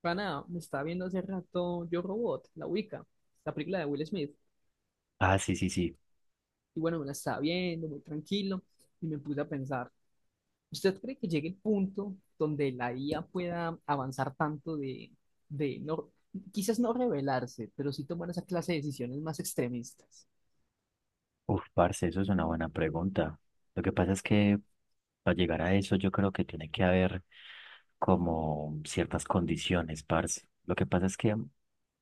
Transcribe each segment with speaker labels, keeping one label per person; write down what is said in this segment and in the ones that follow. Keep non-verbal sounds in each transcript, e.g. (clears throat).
Speaker 1: Para nada, me estaba viendo hace rato Yo, Robot, la Wicca, la película de Will Smith.
Speaker 2: Ah, sí, sí, sí.
Speaker 1: Y bueno, me la estaba viendo muy tranquilo y me puse a pensar, ¿usted cree que llegue el punto donde la IA pueda avanzar tanto de no, quizás no rebelarse, pero sí tomar esa clase de decisiones más extremistas?
Speaker 2: Parce, eso es una buena pregunta. Lo que pasa es que para llegar a eso yo creo que tiene que haber como ciertas condiciones, parce. Lo que pasa es que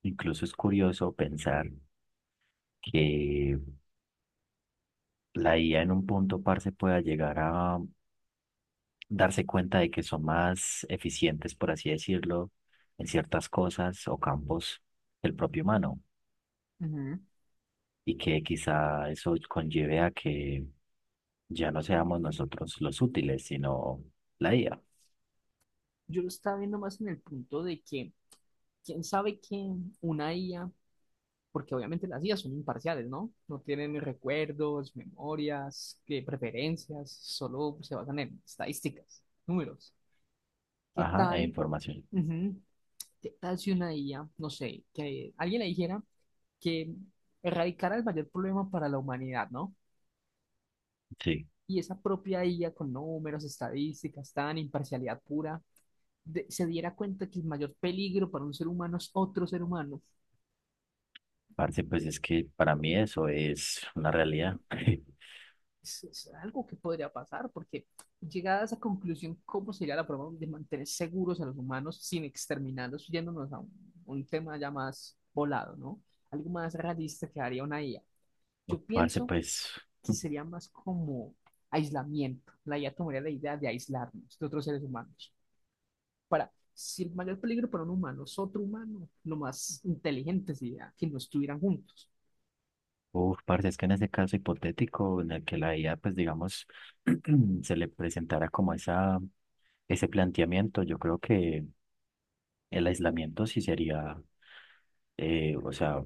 Speaker 2: incluso es curioso pensar que la IA en un punto, parce, pueda llegar a darse cuenta de que son más eficientes, por así decirlo, en ciertas cosas o campos del propio humano,
Speaker 1: Ujú.
Speaker 2: y que quizá eso conlleve a que ya no seamos nosotros los útiles, sino la IA.
Speaker 1: Yo lo estaba viendo más en el punto de que, ¿quién sabe? Que una IA, porque obviamente las IAs son imparciales, ¿no? No tienen recuerdos, memorias, preferencias, solo se basan en estadísticas, números. ¿Qué
Speaker 2: Ajá, e
Speaker 1: tal?
Speaker 2: información.
Speaker 1: Ujú. ¿Qué tal si una IA, no sé, que alguien le dijera que erradicara el mayor problema para la humanidad, ¿no?
Speaker 2: Sí,
Speaker 1: Y esa propia IA, con números, estadísticas, tan imparcialidad pura, se diera cuenta que el mayor peligro para un ser humano es otro ser humano,
Speaker 2: parce, pues es que para mí eso es una realidad. (laughs)
Speaker 1: es algo que podría pasar, porque, llegada a esa conclusión, ¿cómo sería la forma de mantener seguros a los humanos sin exterminarlos, yéndonos a un tema ya más volado, ¿no? Algo más realista que haría una IA. Yo
Speaker 2: Parce,
Speaker 1: pienso
Speaker 2: pues,
Speaker 1: que sería más como aislamiento. La IA tomaría la idea de aislarnos de otros seres humanos. Para, si el mayor peligro para un humano es otro humano, lo más inteligente sería que no estuvieran juntos.
Speaker 2: parce, es que en ese caso hipotético en el que la IA, pues digamos, (clears throat) se le presentara como ese planteamiento, yo creo que el aislamiento sí sería, o sea,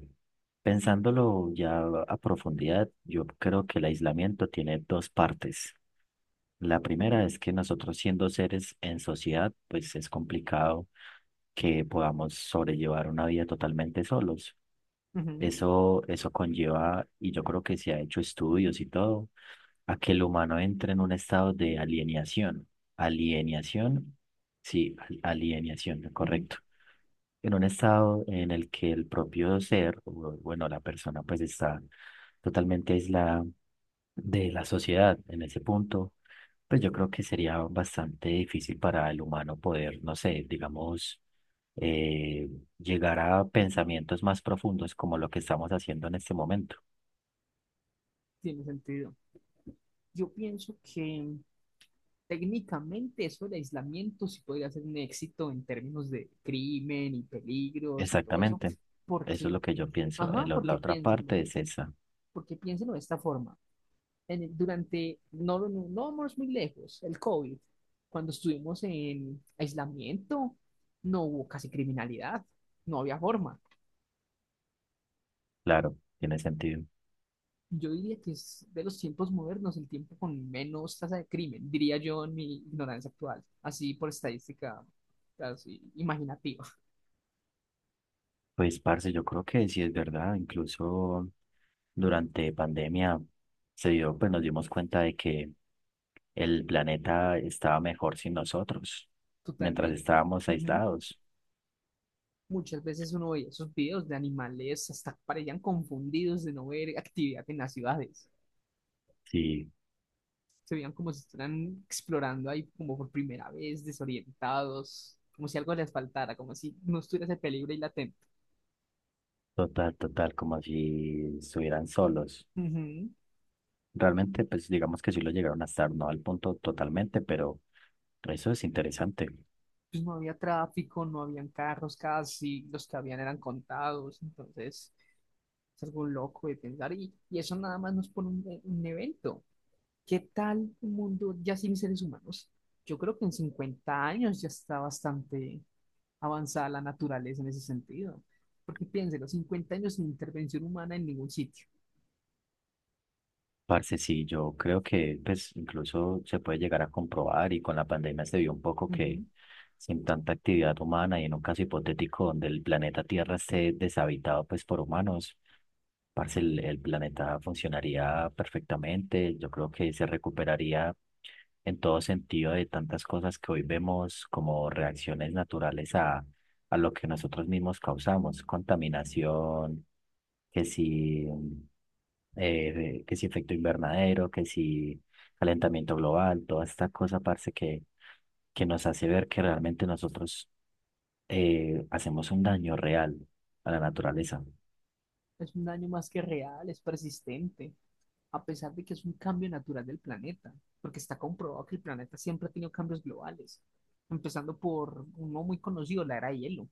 Speaker 2: pensándolo ya a profundidad, yo creo que el aislamiento tiene dos partes. La primera es que nosotros, siendo seres en sociedad, pues es complicado que podamos sobrellevar una vida totalmente solos.
Speaker 1: Ujú,
Speaker 2: Eso conlleva, y yo creo que se ha hecho estudios y todo, a que el humano entre en un estado de alienación. Alienación, sí, alienación,
Speaker 1: ujú.
Speaker 2: correcto. En un estado en el que el propio bueno, la persona pues está totalmente aislada de la sociedad en ese punto, pues yo creo que sería bastante difícil para el humano poder, no sé, digamos, eh, llegar a pensamientos más profundos como lo que estamos haciendo en este momento.
Speaker 1: Tiene sentido. Yo pienso que técnicamente eso del aislamiento sí podría ser un éxito en términos de crimen y peligros y todo eso,
Speaker 2: Exactamente, eso es
Speaker 1: porque,
Speaker 2: lo que yo pienso.
Speaker 1: ajá,
Speaker 2: La otra parte es esa,
Speaker 1: porque piénsenlo de esta forma. Durante, no, no, no vamos muy lejos, el COVID, cuando estuvimos en aislamiento, no hubo casi criminalidad, no había forma.
Speaker 2: claro, tiene sentido.
Speaker 1: Yo diría que es de los tiempos modernos el tiempo con menos tasa de crimen, diría yo en mi ignorancia actual, así por estadística, así imaginativa.
Speaker 2: Pues, parce, yo creo que sí es verdad, incluso durante pandemia se dio, pues nos dimos cuenta de que el planeta estaba mejor sin nosotros, mientras
Speaker 1: Totalmente.
Speaker 2: estábamos
Speaker 1: Ujú.
Speaker 2: aislados.
Speaker 1: Muchas veces uno veía esos videos de animales, hasta parecían confundidos de no ver actividad en las ciudades.
Speaker 2: Sí,
Speaker 1: Se veían como si estuvieran explorando ahí como por primera vez, desorientados, como si algo les faltara, como si no estuviera ese peligro ahí latente.
Speaker 2: total, total, como si estuvieran solos.
Speaker 1: Ujú.
Speaker 2: Realmente, pues digamos que sí lo llegaron a estar, no al punto totalmente, pero eso es interesante.
Speaker 1: Pues no había tráfico, no habían carros casi, los que habían eran contados, entonces es algo loco de pensar, y eso nada más nos pone un evento. ¿Qué tal un mundo ya sin seres humanos? Yo creo que en 50 años ya está bastante avanzada la naturaleza en ese sentido. Porque piénselo, 50 años sin intervención humana en ningún sitio.
Speaker 2: Parce, sí, yo creo que pues incluso se puede llegar a comprobar, y con la pandemia se vio un poco que
Speaker 1: Ujú.
Speaker 2: sin tanta actividad humana y en un caso hipotético donde el planeta Tierra esté deshabitado pues por humanos, parce, el planeta funcionaría perfectamente. Yo creo que se recuperaría en todo sentido de tantas cosas que hoy vemos como reacciones naturales a lo que nosotros mismos causamos: contaminación, que si, que si efecto invernadero, que si calentamiento global, toda esta cosa, parce, que nos hace ver que realmente nosotros, hacemos un daño real a la naturaleza.
Speaker 1: Es un daño más que real, es persistente, a pesar de que es un cambio natural del planeta, porque está comprobado que el planeta siempre ha tenido cambios globales, empezando por uno muy conocido, la era de hielo.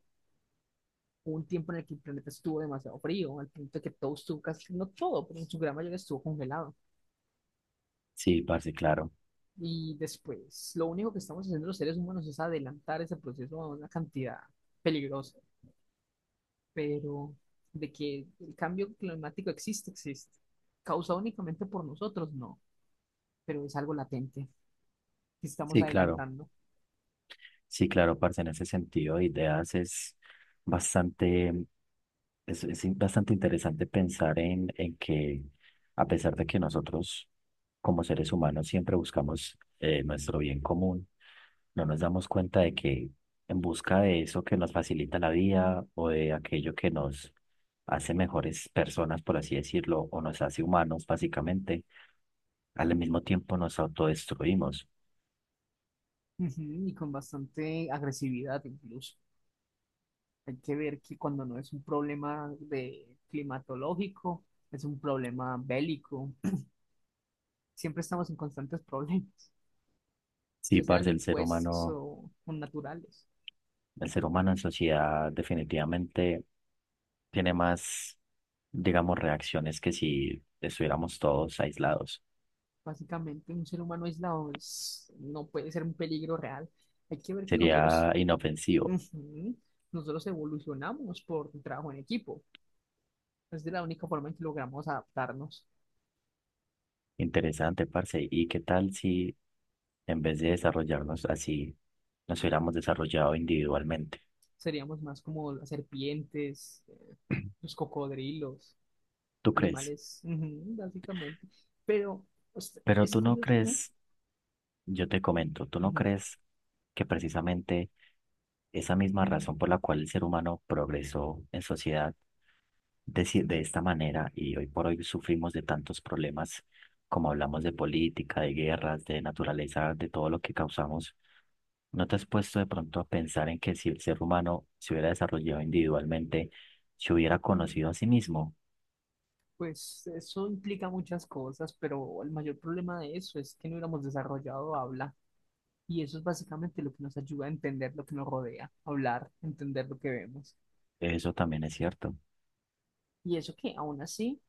Speaker 1: Hubo un tiempo en el que el planeta estuvo demasiado frío, al punto de que todo estuvo casi, no todo, pero en su gran mayoría estuvo congelado.
Speaker 2: Sí, parce, claro.
Speaker 1: Y después, lo único que estamos haciendo los seres humanos es adelantar ese proceso a una cantidad peligrosa, pero de que el cambio climático existe, existe. Causado únicamente por nosotros, no, pero es algo latente que estamos
Speaker 2: Sí, claro.
Speaker 1: adelantando.
Speaker 2: Sí, claro, parce, en ese sentido, de ideas es bastante, es, bastante interesante pensar en que a pesar de que nosotros como seres humanos siempre buscamos, nuestro bien común, no nos damos cuenta de que en busca de eso que nos facilita la vida o de aquello que nos hace mejores personas, por así decirlo, o nos hace humanos, básicamente, al mismo tiempo nos autodestruimos.
Speaker 1: Ujú. Y con bastante agresividad incluso. Hay que ver que cuando no es un problema de climatológico, es un problema bélico. Siempre estamos en constantes problemas,
Speaker 2: Sí,
Speaker 1: ya sean
Speaker 2: parce, el ser
Speaker 1: impuestos
Speaker 2: humano
Speaker 1: o naturales.
Speaker 2: El ser humano en sociedad definitivamente tiene más, digamos, reacciones que si estuviéramos todos aislados.
Speaker 1: Básicamente, un ser humano aislado no puede ser un peligro real. Hay que ver que nosotros,
Speaker 2: Sería inofensivo,
Speaker 1: ujú, nosotros evolucionamos por un trabajo en equipo. Es de la única forma en que logramos adaptarnos.
Speaker 2: interesante, parce. ¿Y qué tal si en vez de desarrollarnos así, nos hubiéramos desarrollado individualmente?
Speaker 1: Seríamos más como las serpientes, los cocodrilos,
Speaker 2: ¿Tú crees?
Speaker 1: animales, ujú, básicamente. Pero pues,
Speaker 2: Pero
Speaker 1: es
Speaker 2: tú no
Speaker 1: curioso, ¿no?
Speaker 2: crees Yo te comento, ¿tú no
Speaker 1: Ujú.
Speaker 2: crees que precisamente esa misma razón por la cual el ser humano progresó en sociedad de esta manera y hoy por hoy sufrimos de tantos problemas, como hablamos de política, de guerras, de naturaleza, de todo lo que causamos? ¿No te has puesto de pronto a pensar en que si el ser humano se hubiera desarrollado individualmente, se hubiera conocido a sí mismo?
Speaker 1: Pues eso implica muchas cosas, pero el mayor problema de eso es que no hubiéramos desarrollado habla. Y eso es básicamente lo que nos ayuda a entender lo que nos rodea, hablar, entender lo que vemos.
Speaker 2: Eso también es cierto,
Speaker 1: Y eso que aún así,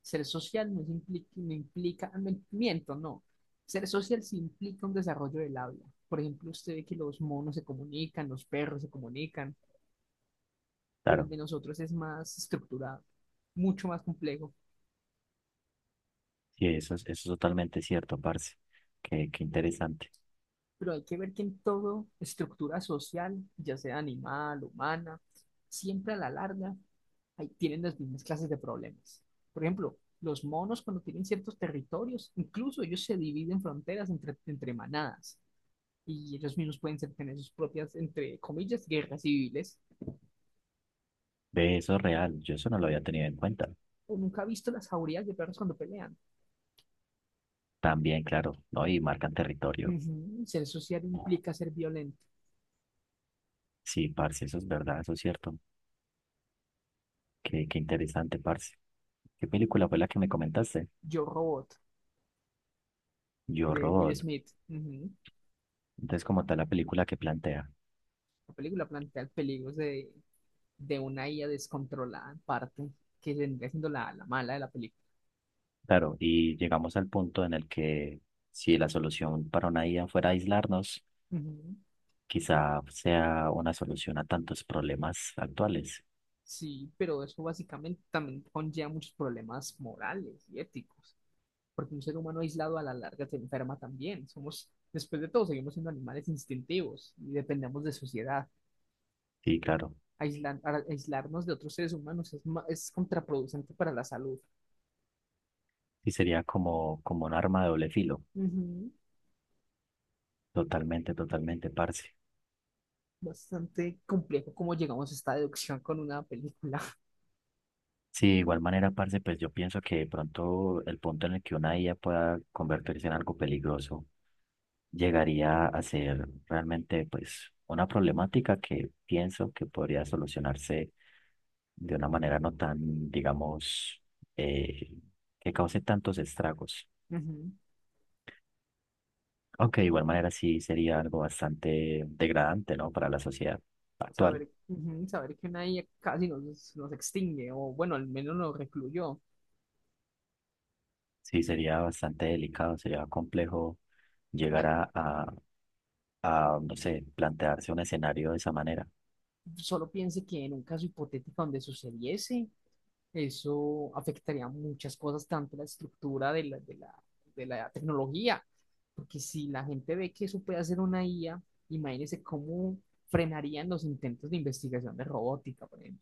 Speaker 1: ser social no, implica, no implica, miento, no. Ser social sí implica un desarrollo del habla. Por ejemplo, usted ve que los monos se comunican, los perros se comunican, pero el
Speaker 2: claro,
Speaker 1: de nosotros es más estructurado, mucho más complejo.
Speaker 2: sí, eso es totalmente cierto, parce. Qué, qué interesante.
Speaker 1: Pero hay que ver que en toda estructura social, ya sea animal, humana, siempre a la larga tienen las mismas clases de problemas. Por ejemplo, los monos cuando tienen ciertos territorios, incluso ellos se dividen fronteras entre manadas, y ellos mismos pueden tener sus propias, entre comillas, guerras civiles.
Speaker 2: Ve, eso es real, yo eso no lo había tenido en cuenta.
Speaker 1: O nunca he visto las jaurías de perros cuando pelean.
Speaker 2: También, claro, ¿no? Y marcan territorio.
Speaker 1: Ujú. Ser social implica ser violento.
Speaker 2: Sí, parce, eso es verdad, eso es cierto. Qué, qué interesante, parce. ¿Qué película fue la que me comentaste?
Speaker 1: Yo, Robot,
Speaker 2: Yo,
Speaker 1: de Will
Speaker 2: Robot.
Speaker 1: Smith. Ujú.
Speaker 2: Entonces, como tal, la película que plantea.
Speaker 1: La película plantea peligros de una IA descontrolada en parte, que vendría siendo la mala de la película.
Speaker 2: Claro, y llegamos al punto en el que si la solución para una IA fuera aislarnos,
Speaker 1: Ujú.
Speaker 2: quizá sea una solución a tantos problemas actuales.
Speaker 1: Sí, pero eso básicamente también conlleva muchos problemas morales y éticos, porque un ser humano aislado a la larga se enferma también. Somos, después de todo, seguimos siendo animales instintivos y dependemos de sociedad.
Speaker 2: Sí, claro.
Speaker 1: Aislarnos de otros seres humanos es contraproducente para la salud.
Speaker 2: Y sería como, como un arma de doble filo.
Speaker 1: Ujú.
Speaker 2: Totalmente, totalmente, parce.
Speaker 1: Bastante complejo cómo llegamos a esta deducción con una película.
Speaker 2: Sí, de igual manera, parce, pues yo pienso que de pronto el punto en el que una IA pueda convertirse en algo peligroso llegaría a ser realmente pues una problemática que pienso que podría solucionarse de una manera no tan, digamos, eh, que cause tantos estragos.
Speaker 1: (laughs)
Speaker 2: Aunque de igual manera sí sería algo bastante degradante, ¿no? Para la sociedad actual.
Speaker 1: Saber, ujú, saber que una IA casi nos extingue, o bueno, al menos nos recluyó.
Speaker 2: Sí, sería bastante delicado, sería complejo llegar
Speaker 1: La-
Speaker 2: a, no sé, plantearse un escenario de esa manera.
Speaker 1: solo piense que en un caso hipotético donde sucediese, eso afectaría muchas cosas, tanto la estructura de la tecnología, porque si la gente ve que eso puede hacer una IA, imagínese cómo frenarían los intentos de investigación de robótica, por ejemplo.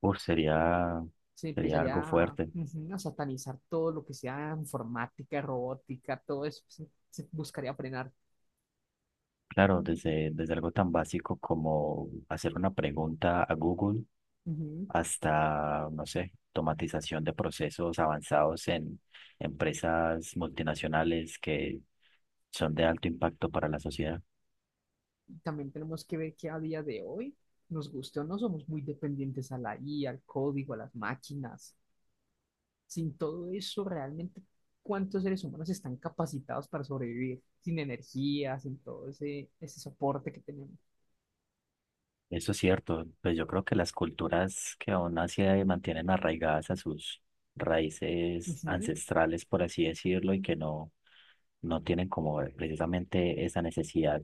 Speaker 2: Uf,
Speaker 1: Se
Speaker 2: sería
Speaker 1: empezaría
Speaker 2: algo
Speaker 1: a,
Speaker 2: fuerte.
Speaker 1: ujú, a satanizar todo lo que sea informática, robótica, todo eso se buscaría frenar.
Speaker 2: Claro, desde algo tan básico como hacer una pregunta a Google
Speaker 1: Ujú.
Speaker 2: hasta, no sé, automatización de procesos avanzados en empresas multinacionales que son de alto impacto para la sociedad.
Speaker 1: También tenemos que ver que a día de hoy, nos guste o no, somos muy dependientes a la IA, al código, a las máquinas. Sin todo eso, realmente, ¿cuántos seres humanos están capacitados para sobrevivir sin energía, sin todo ese soporte que tenemos?
Speaker 2: Eso es cierto, pues yo creo que las culturas que aún así, mantienen arraigadas a sus raíces
Speaker 1: Ujú,
Speaker 2: ancestrales, por así decirlo, y que no, no tienen como, precisamente esa necesidad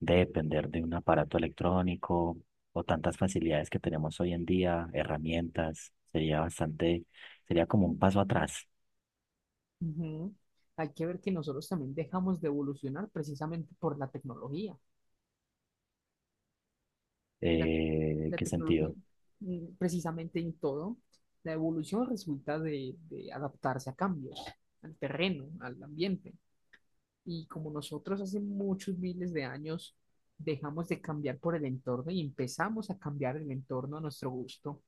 Speaker 2: de depender de un aparato electrónico o tantas facilidades que tenemos hoy en día, herramientas, sería como un paso atrás.
Speaker 1: ujú. Hay que ver que nosotros también dejamos de evolucionar precisamente por la tecnología. La, la
Speaker 2: ¿Qué
Speaker 1: tecnología,
Speaker 2: sentido?
Speaker 1: precisamente en todo, la evolución resulta de adaptarse a cambios, al terreno, al ambiente. Y como nosotros hace muchos miles de años dejamos de cambiar por el entorno y empezamos a cambiar el entorno a nuestro gusto,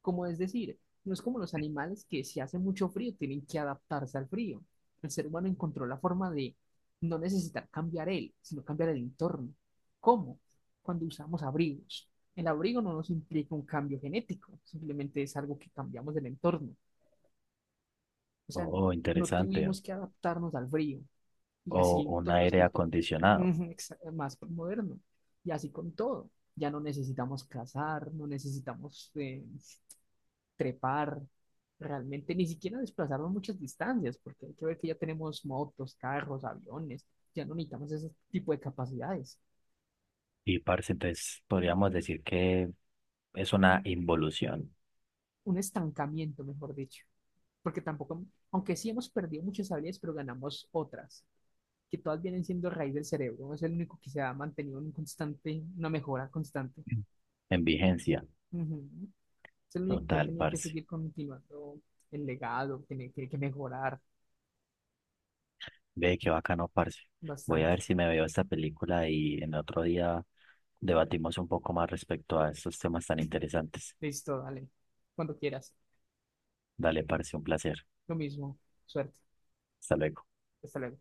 Speaker 1: como es decir, no es como los animales que si hace mucho frío tienen que adaptarse al frío. El ser humano encontró la forma de no necesitar cambiar él, sino cambiar el entorno. ¿Cómo? Cuando usamos abrigos. El abrigo no nos implica un cambio genético, simplemente es algo que cambiamos del entorno. O sea,
Speaker 2: Oh,
Speaker 1: no
Speaker 2: interesante.
Speaker 1: tuvimos que adaptarnos al frío, y
Speaker 2: O
Speaker 1: así en
Speaker 2: un
Speaker 1: todas las
Speaker 2: aire
Speaker 1: culturas.
Speaker 2: acondicionado.
Speaker 1: (laughs) Más moderno. Y así con todo. Ya no necesitamos cazar, no necesitamos trepar, realmente ni siquiera desplazarnos muchas distancias, porque hay que ver que ya tenemos motos, carros, aviones, ya no necesitamos ese tipo de capacidades.
Speaker 2: Y parce, entonces podríamos decir que es una involución
Speaker 1: Un estancamiento, mejor dicho, porque tampoco, aunque sí hemos perdido muchas habilidades, pero ganamos otras, que todas vienen siendo raíz del cerebro, es el único que se ha mantenido en constante, una mejora constante.
Speaker 2: en vigencia.
Speaker 1: Ujú. Es el único que ha
Speaker 2: Total,
Speaker 1: tenido que
Speaker 2: parce.
Speaker 1: seguir continuando el legado, tiene que mejorar
Speaker 2: Ve qué bacano, parce. Voy a
Speaker 1: bastante.
Speaker 2: ver si me veo esta película y en otro día debatimos un poco más respecto a estos temas tan interesantes.
Speaker 1: Listo, dale. Cuando quieras.
Speaker 2: Dale, parce, un placer.
Speaker 1: Lo mismo. Suerte.
Speaker 2: Hasta luego.
Speaker 1: Hasta luego.